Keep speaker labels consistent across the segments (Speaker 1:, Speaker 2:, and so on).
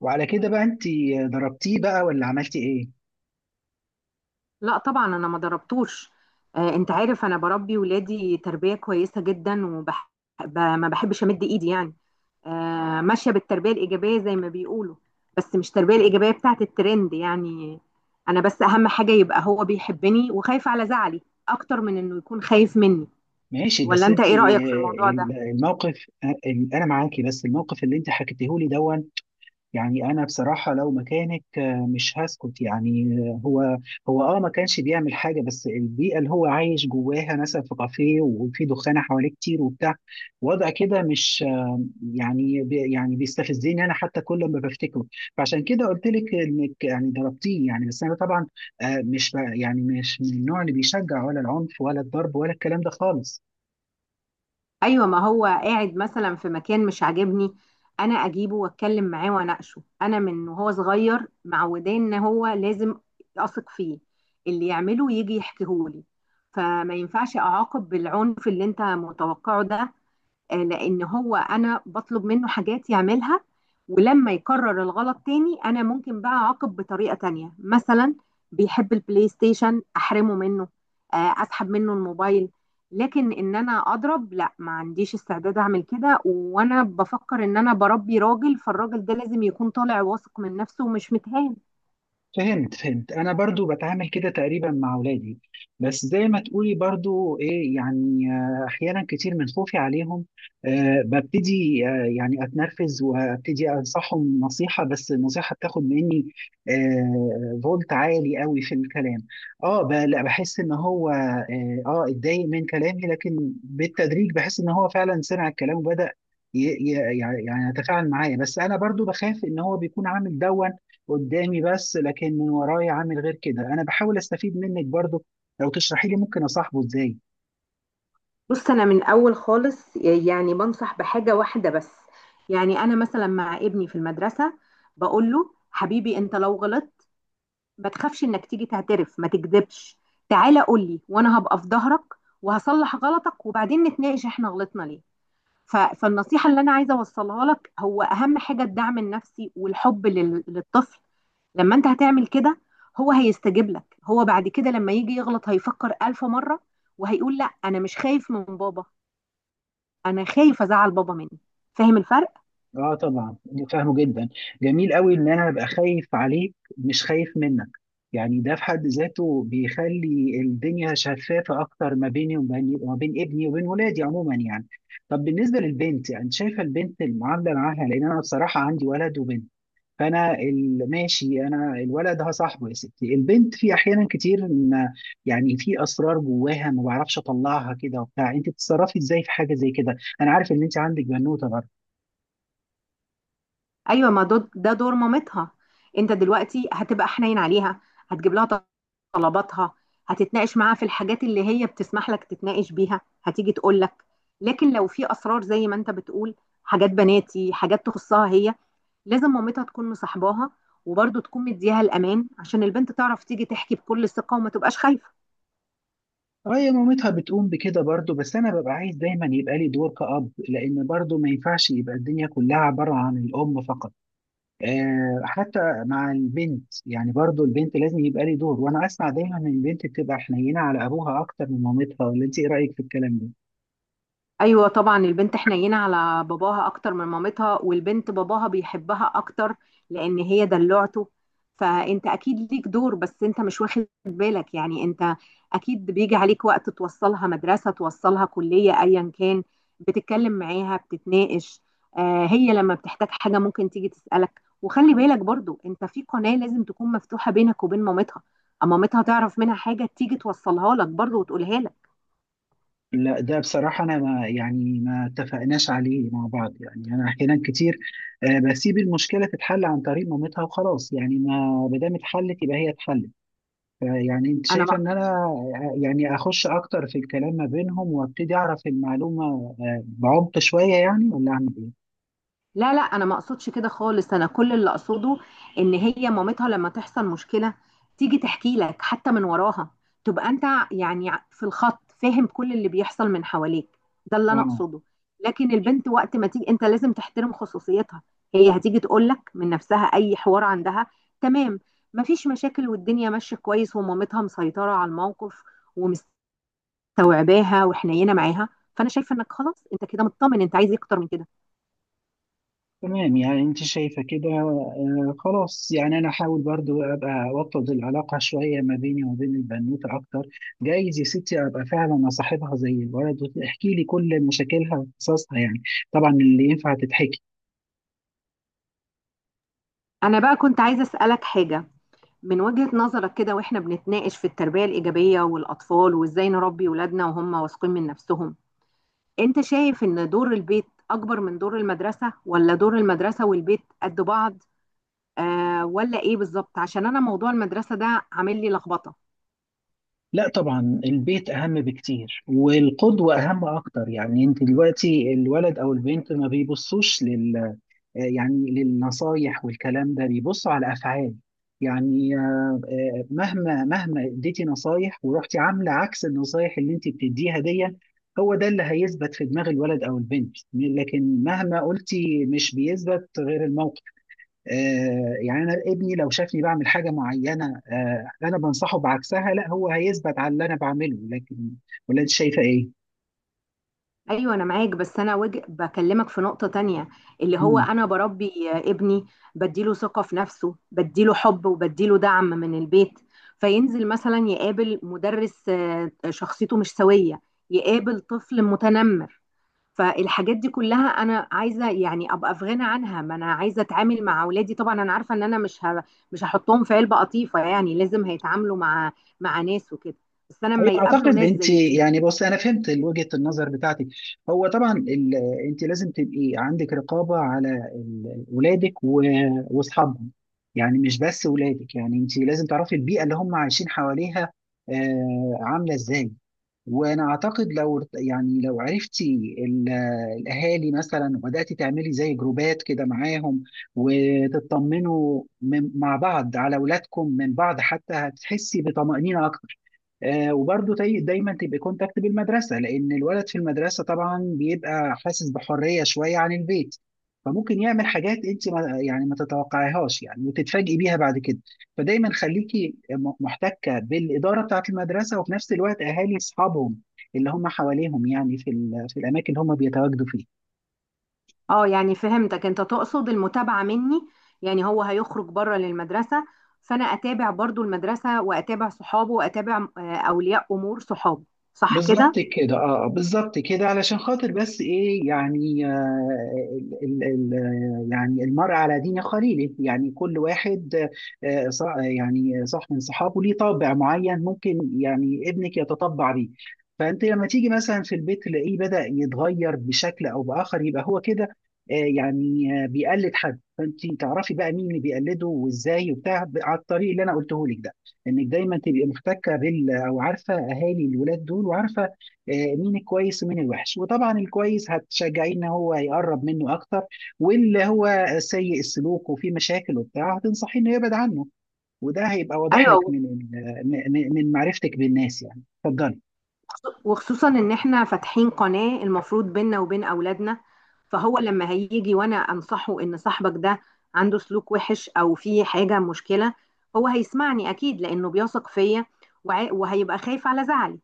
Speaker 1: وعلى كده بقى، انت ضربتيه بقى ولا عملتي ايه؟
Speaker 2: لا طبعا انا ما ضربتوش. انت عارف انا بربي ولادي تربيه كويسه جدا، ما بحبش امد ايدي يعني. ماشيه بالتربيه الايجابيه زي ما بيقولوا، بس مش التربيه الايجابيه بتاعت الترند يعني. انا بس اهم حاجه يبقى هو بيحبني وخايف على زعلي اكتر من انه يكون خايف مني.
Speaker 1: ماشي.
Speaker 2: ولا
Speaker 1: بس
Speaker 2: انت
Speaker 1: انت
Speaker 2: ايه رايك في الموضوع ده؟
Speaker 1: الموقف، انا معاكي، بس الموقف اللي انت حكيته لي دون. يعني انا بصراحة لو مكانك مش هسكت يعني. هو اه ما كانش بيعمل حاجة، بس البيئة اللي هو عايش جواها، مثلا في كافيه وفي دخانة حواليه كتير وبتاع، وضع كده مش يعني يعني بيستفزني انا حتى، كل ما بفتكره. فعشان كده قلت لك انك يعني ضربتيه يعني. بس انا طبعا مش يعني مش من النوع اللي بيشجع ولا العنف ولا الضرب ولا الكلام ده خالص.
Speaker 2: ايوه، ما هو قاعد مثلا في مكان مش عاجبني، انا اجيبه واتكلم معاه واناقشه. انا من وهو صغير معوداه ان هو لازم اثق فيه، اللي يعمله يجي يحكيهولي. فما ينفعش اعاقب بالعنف اللي انت متوقعه ده. لان هو انا بطلب منه حاجات يعملها، ولما يكرر الغلط تاني انا ممكن بقى اعاقب بطريقة تانية. مثلا بيحب البلاي ستيشن احرمه منه، اسحب منه الموبايل. لكن ان انا اضرب، لا، ما عنديش استعداد اعمل كده. وانا بفكر ان انا بربي راجل، فالراجل ده لازم يكون طالع واثق من نفسه ومش متهان.
Speaker 1: فهمت، انا برضو بتعامل كده تقريبا مع اولادي. بس زي ما تقولي برضو ايه يعني، احيانا كتير من خوفي عليهم ببتدي يعني اتنرفز وابتدي انصحهم نصيحة، بس النصيحة بتاخد مني فولت عالي قوي في الكلام. اه لا بحس ان هو اتضايق من كلامي، لكن بالتدريج بحس ان هو فعلا سمع الكلام وبدأ يعني يتفاعل معايا. بس انا برضو بخاف ان هو بيكون عامل دون قدامي بس، لكن من ورايا عامل غير كده. انا بحاول استفيد منك برضو، لو تشرحي لي ممكن اصاحبه ازاي.
Speaker 2: بص، انا من اول خالص يعني بنصح بحاجة واحدة بس. يعني انا مثلا مع ابني في المدرسة بقول له: حبيبي، انت لو غلطت ما تخافش انك تيجي تعترف، ما تكذبش، تعالى قول لي وانا هبقى في ظهرك وهصلح غلطك، وبعدين نتناقش احنا غلطنا ليه. فالنصيحة اللي انا عايزة اوصلها لك هو اهم حاجة الدعم النفسي والحب للطفل. لما انت هتعمل كده هو هيستجيب لك. هو بعد كده لما يجي يغلط هيفكر ألف مرة وهيقول: لا، انا مش خايف من بابا، انا خايف ازعل بابا مني. فاهم الفرق؟
Speaker 1: اه طبعا، فاهمه جدا. جميل قوي ان انا ابقى خايف عليك مش خايف منك، يعني ده في حد ذاته بيخلي الدنيا شفافة أكتر ما بيني وبين، ما بين ابني وبين ولادي عموما يعني. طب بالنسبة للبنت، يعني شايفة البنت المعاملة معاها؟ لأن أنا بصراحة عندي ولد وبنت. فانا ماشي، انا الولد ده صاحبه يا ستي، البنت في احيانا كتير يعني في اسرار جواها ما بعرفش اطلعها كده وبتاع. انت بتتصرفي ازاي في حاجه زي كده؟ انا عارف ان انت عندك بنوته برضه.
Speaker 2: ايوه، ما ده دور مامتها. انت دلوقتي هتبقى حنين عليها، هتجيب لها طلباتها، هتتناقش معاها في الحاجات اللي هي بتسمح لك تتناقش بيها، هتيجي تقول لك. لكن لو في اسرار زي ما انت بتقول، حاجات بناتي، حاجات تخصها هي، لازم مامتها تكون مصاحباها وبرضه تكون مديها الامان عشان البنت تعرف تيجي تحكي بكل ثقه وما تبقاش خايفه.
Speaker 1: اه، يا مامتها بتقوم بكده برضه، بس انا ببقى عايز دايما يبقى لي دور كأب، لان برضه ما ينفعش يبقى الدنيا كلها عباره عن الام فقط. آه، حتى مع البنت يعني، برضه البنت لازم يبقى لي دور. وانا اسمع دايما ان البنت بتبقى حنينه على ابوها اكتر من مامتها، ولا انت ايه رايك في الكلام ده؟
Speaker 2: ايوه طبعا، البنت حنينه على باباها اكتر من مامتها، والبنت باباها بيحبها اكتر لان هي دلوعته. فانت اكيد ليك دور، بس انت مش واخد بالك. يعني انت اكيد بيجي عليك وقت توصلها مدرسه، توصلها كليه، ايا كان، بتتكلم معاها، بتتناقش. هي لما بتحتاج حاجه ممكن تيجي تسالك. وخلي بالك برضو، انت في قناه لازم تكون مفتوحه بينك وبين مامتها، اما مامتها تعرف منها حاجه تيجي توصلها لك برضو وتقولها لك.
Speaker 1: لا ده بصراحة أنا ما يعني ما اتفقناش عليه مع بعض يعني. أنا أحيانا كتير بسيب المشكلة تتحل عن طريق مامتها وخلاص، يعني ما ما دام اتحلت يبقى هي اتحلت. يعني أنت
Speaker 2: انا،
Speaker 1: شايفة إن أنا يعني أخش أكتر في الكلام ما بينهم وأبتدي أعرف المعلومة بعمق شوية يعني، ولا أعمل إيه؟
Speaker 2: لا، لا، انا ما اقصدش كده خالص. انا كل اللي اقصده ان هي مامتها لما تحصل مشكله تيجي تحكي لك حتى من وراها، تبقى انت يعني في الخط، فاهم كل اللي بيحصل من حواليك. ده اللي انا
Speaker 1: آه،
Speaker 2: اقصده. لكن البنت وقت ما تيجي، انت لازم تحترم خصوصيتها. هي هتيجي تقول لك من نفسها اي حوار عندها. تمام. مفيش مشاكل والدنيا ماشيه كويس، ومامتها مسيطره على الموقف ومستوعباها وحنينه معاها. فانا شايفه انك خلاص، انت كده مطمن. انت عايز إيه اكتر من كده؟
Speaker 1: تمام. يعني انت شايفة كده، آه خلاص، يعني انا احاول برضو ابقى اوطد العلاقة شوية ما بيني وبين البنوتة اكتر. جايز يا ستي ابقى فعلا اصاحبها زي الولد، وتحكي لي كل مشاكلها وقصصها يعني، طبعا اللي ينفع تتحكي.
Speaker 2: أنا بقى كنت عايزة أسألك حاجة. من وجهة نظرك كده، وإحنا بنتناقش في التربية الإيجابية والأطفال وإزاي نربي ولادنا وهم واثقين من نفسهم، أنت شايف إن دور البيت أكبر من دور المدرسة، ولا دور المدرسة والبيت قد بعض؟ ولا إيه بالظبط؟ عشان أنا موضوع المدرسة ده عامل لي لخبطة.
Speaker 1: لا طبعا البيت اهم بكتير، والقدوة اهم اكتر. يعني انت دلوقتي الولد او البنت ما بيبصوش لل يعني للنصايح والكلام ده، بيبصوا على افعال. يعني مهما اديتي نصايح ورحتي عامله عكس النصايح اللي انت بتديها دي، هو ده اللي هيثبت في دماغ الولد او البنت، لكن مهما قلتي مش بيثبت غير الموقف. يعني انا ابني لو شافني بعمل حاجه معينه، انا بنصحه بعكسها، لا هو هيثبت على اللي انا بعمله. لكن ولا انت شايفه ايه؟
Speaker 2: ايوه، انا معاك، بس انا بكلمك في نقطة تانية، اللي هو انا بربي ابني، بديله ثقة في نفسه، بديله حب، وبديله دعم من البيت. فينزل مثلا يقابل مدرس شخصيته مش سوية، يقابل طفل متنمر. فالحاجات دي كلها انا عايزة يعني ابقى في غنى عنها. ما انا عايزة اتعامل مع اولادي، طبعا انا عارفة ان انا مش هحطهم في علبة قطيفة، يعني لازم هيتعاملوا مع ناس وكده. بس انا
Speaker 1: ايوه،
Speaker 2: لما يقابلوا
Speaker 1: اعتقد
Speaker 2: ناس
Speaker 1: انت
Speaker 2: زي دي...
Speaker 1: يعني، بص انا فهمت وجهه النظر بتاعتك. هو طبعا انت لازم تبقي عندك رقابه على ولادك واصحابهم. يعني مش بس ولادك، يعني انت لازم تعرفي البيئه اللي هم عايشين حواليها عامله ازاي. وانا اعتقد لو يعني لو عرفتي الاهالي مثلا وبداتي تعملي زي جروبات كده معاهم، وتطمنوا مع بعض على اولادكم من بعض، حتى هتحسي بطمانينه اكتر. وبرضه دايما تبقى كونتاكت بالمدرسه، لان الولد في المدرسه طبعا بيبقى حاسس بحريه شويه عن البيت، فممكن يعمل حاجات انت ما يعني ما تتوقعيهاش يعني، وتتفاجئي بيها بعد كده. فدايما خليكي محتكه بالاداره بتاعه المدرسه، وفي نفس الوقت اهالي اصحابهم اللي هم حواليهم، يعني في في الاماكن اللي هم بيتواجدوا فيها.
Speaker 2: اه، يعني فهمتك، انت تقصد المتابعة مني. يعني هو هيخرج بره للمدرسة، فانا اتابع برضو المدرسة، واتابع صحابه، واتابع اولياء امور صحابه. صح كده؟
Speaker 1: بالظبط كده، اه بالظبط كده. علشان خاطر بس ايه يعني، ال ال ال يعني المرء على دين خليله. يعني كل واحد يعني صاحب من صحابه ليه طابع معين، ممكن يعني ابنك يتطبع بيه. فانت لما تيجي مثلا في البيت تلاقيه بدأ يتغير بشكل او بآخر، يبقى هو كده يعني بيقلد حد. فانت تعرفي بقى مين اللي بيقلده وازاي وبتاع، على الطريق اللي انا قلته لك ده، انك دايما تبقي محتكه بال، او عارفه اهالي الولاد دول، وعارفه مين الكويس ومين الوحش. وطبعا الكويس هتشجعيه ان هو يقرب منه اكتر، واللي هو سيء السلوك وفيه مشاكل وبتاع هتنصحيه انه يبعد عنه. وده هيبقى واضح لك
Speaker 2: ايوه،
Speaker 1: من من معرفتك بالناس يعني. اتفضلي.
Speaker 2: وخصوصا ان احنا فاتحين قناة المفروض بيننا وبين اولادنا. فهو لما هيجي وانا انصحه ان صاحبك ده عنده سلوك وحش او في حاجة مشكلة، هو هيسمعني اكيد لانه بيثق فيا، وهيبقى خايف على زعلي.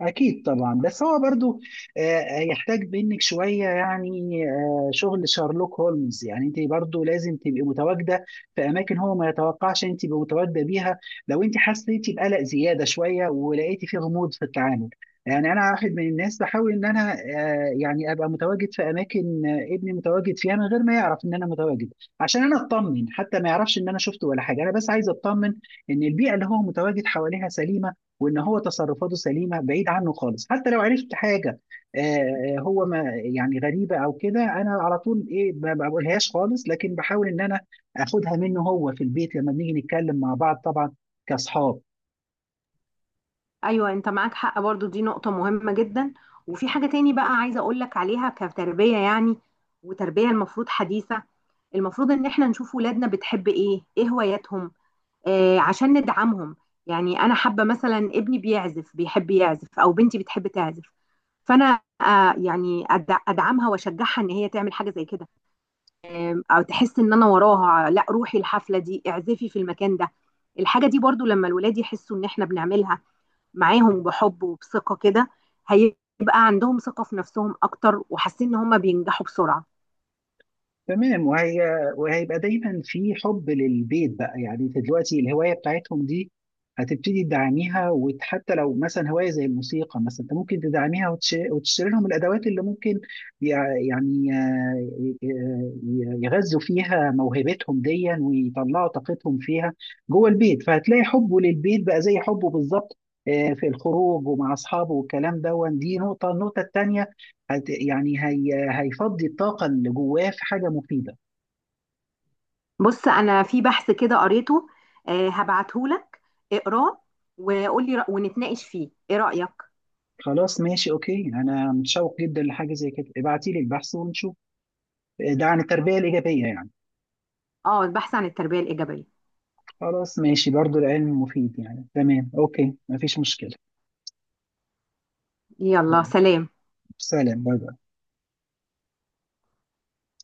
Speaker 1: أكيد طبعا، بس هو برضو هيحتاج منك شوية يعني، شغل شارلوك هولمز. يعني أنت برضو لازم تبقي متواجدة في أماكن هو ما يتوقعش أنت تبقي متواجدة بيها، لو أنت حسيتي بقلق زيادة شوية ولقيتي فيه غموض في التعامل. يعني أنا واحد من الناس بحاول إن أنا يعني أبقى متواجد في أماكن ابني متواجد فيها، من غير ما يعرف إن أنا متواجد، عشان أنا أطمن. حتى ما يعرفش إن أنا شفته ولا حاجة، أنا بس عايز أطمن إن البيئة اللي هو متواجد حواليها سليمة، وان هو تصرفاته سليمه. بعيد عنه خالص حتى لو عرفت حاجه هو ما يعني غريبه او كده، انا على طول ايه، ما ما بقولهاش خالص، لكن بحاول ان انا اخدها منه هو في البيت لما بنيجي نتكلم مع بعض طبعا كاصحاب.
Speaker 2: ايوه، انت معاك حق، برضو دي نقطة مهمة جدا. وفي حاجة تاني بقى عايزة اقولك عليها، كتربية يعني، وتربية المفروض حديثة. المفروض ان احنا نشوف ولادنا بتحب ايه، ايه هواياتهم، عشان ندعمهم. يعني انا حابة مثلا ابني بيعزف، بيحب يعزف، او بنتي بتحب تعزف، فانا ادعمها واشجعها ان هي تعمل حاجة زي كده، او تحس ان انا وراها. لا، روحي الحفلة دي، اعزفي في المكان ده. الحاجة دي برضو لما الولاد يحسوا ان احنا بنعملها معاهم بحب وبثقة كده، هيبقى عندهم ثقة في نفسهم أكتر، وحاسين إن هم بينجحوا بسرعة.
Speaker 1: تمام. وهيبقى دايما في حب للبيت بقى. يعني انت دلوقتي الهوايه بتاعتهم دي هتبتدي تدعميها، وحتى لو مثلا هوايه زي الموسيقى مثلا، انت ممكن تدعميها وتشتري لهم الادوات اللي ممكن يع- يعني آه، يغذوا فيها موهبتهم دي ويطلعوا طاقتهم فيها جوه البيت. فهتلاقي حبه للبيت بقى زي حبه بالظبط في الخروج ومع اصحابه والكلام ده. دي نقطه، النقطه التانيه يعني هي هيفضي الطاقة اللي جواه في حاجة مفيدة.
Speaker 2: بص، أنا في بحث كده قريته، هبعتهولك اقراه وقولي ونتناقش فيه، إيه رأيك؟
Speaker 1: خلاص ماشي، اوكي، انا متشوق جدا لحاجة زي كده. ابعتي لي البحث ونشوف، ده عن التربية الإيجابية يعني.
Speaker 2: اه، البحث عن التربية الإيجابية.
Speaker 1: خلاص ماشي، برضو العلم مفيد يعني. تمام، اوكي، مفيش مشكلة.
Speaker 2: يلا
Speaker 1: باي.
Speaker 2: سلام.
Speaker 1: سلام، باي باي.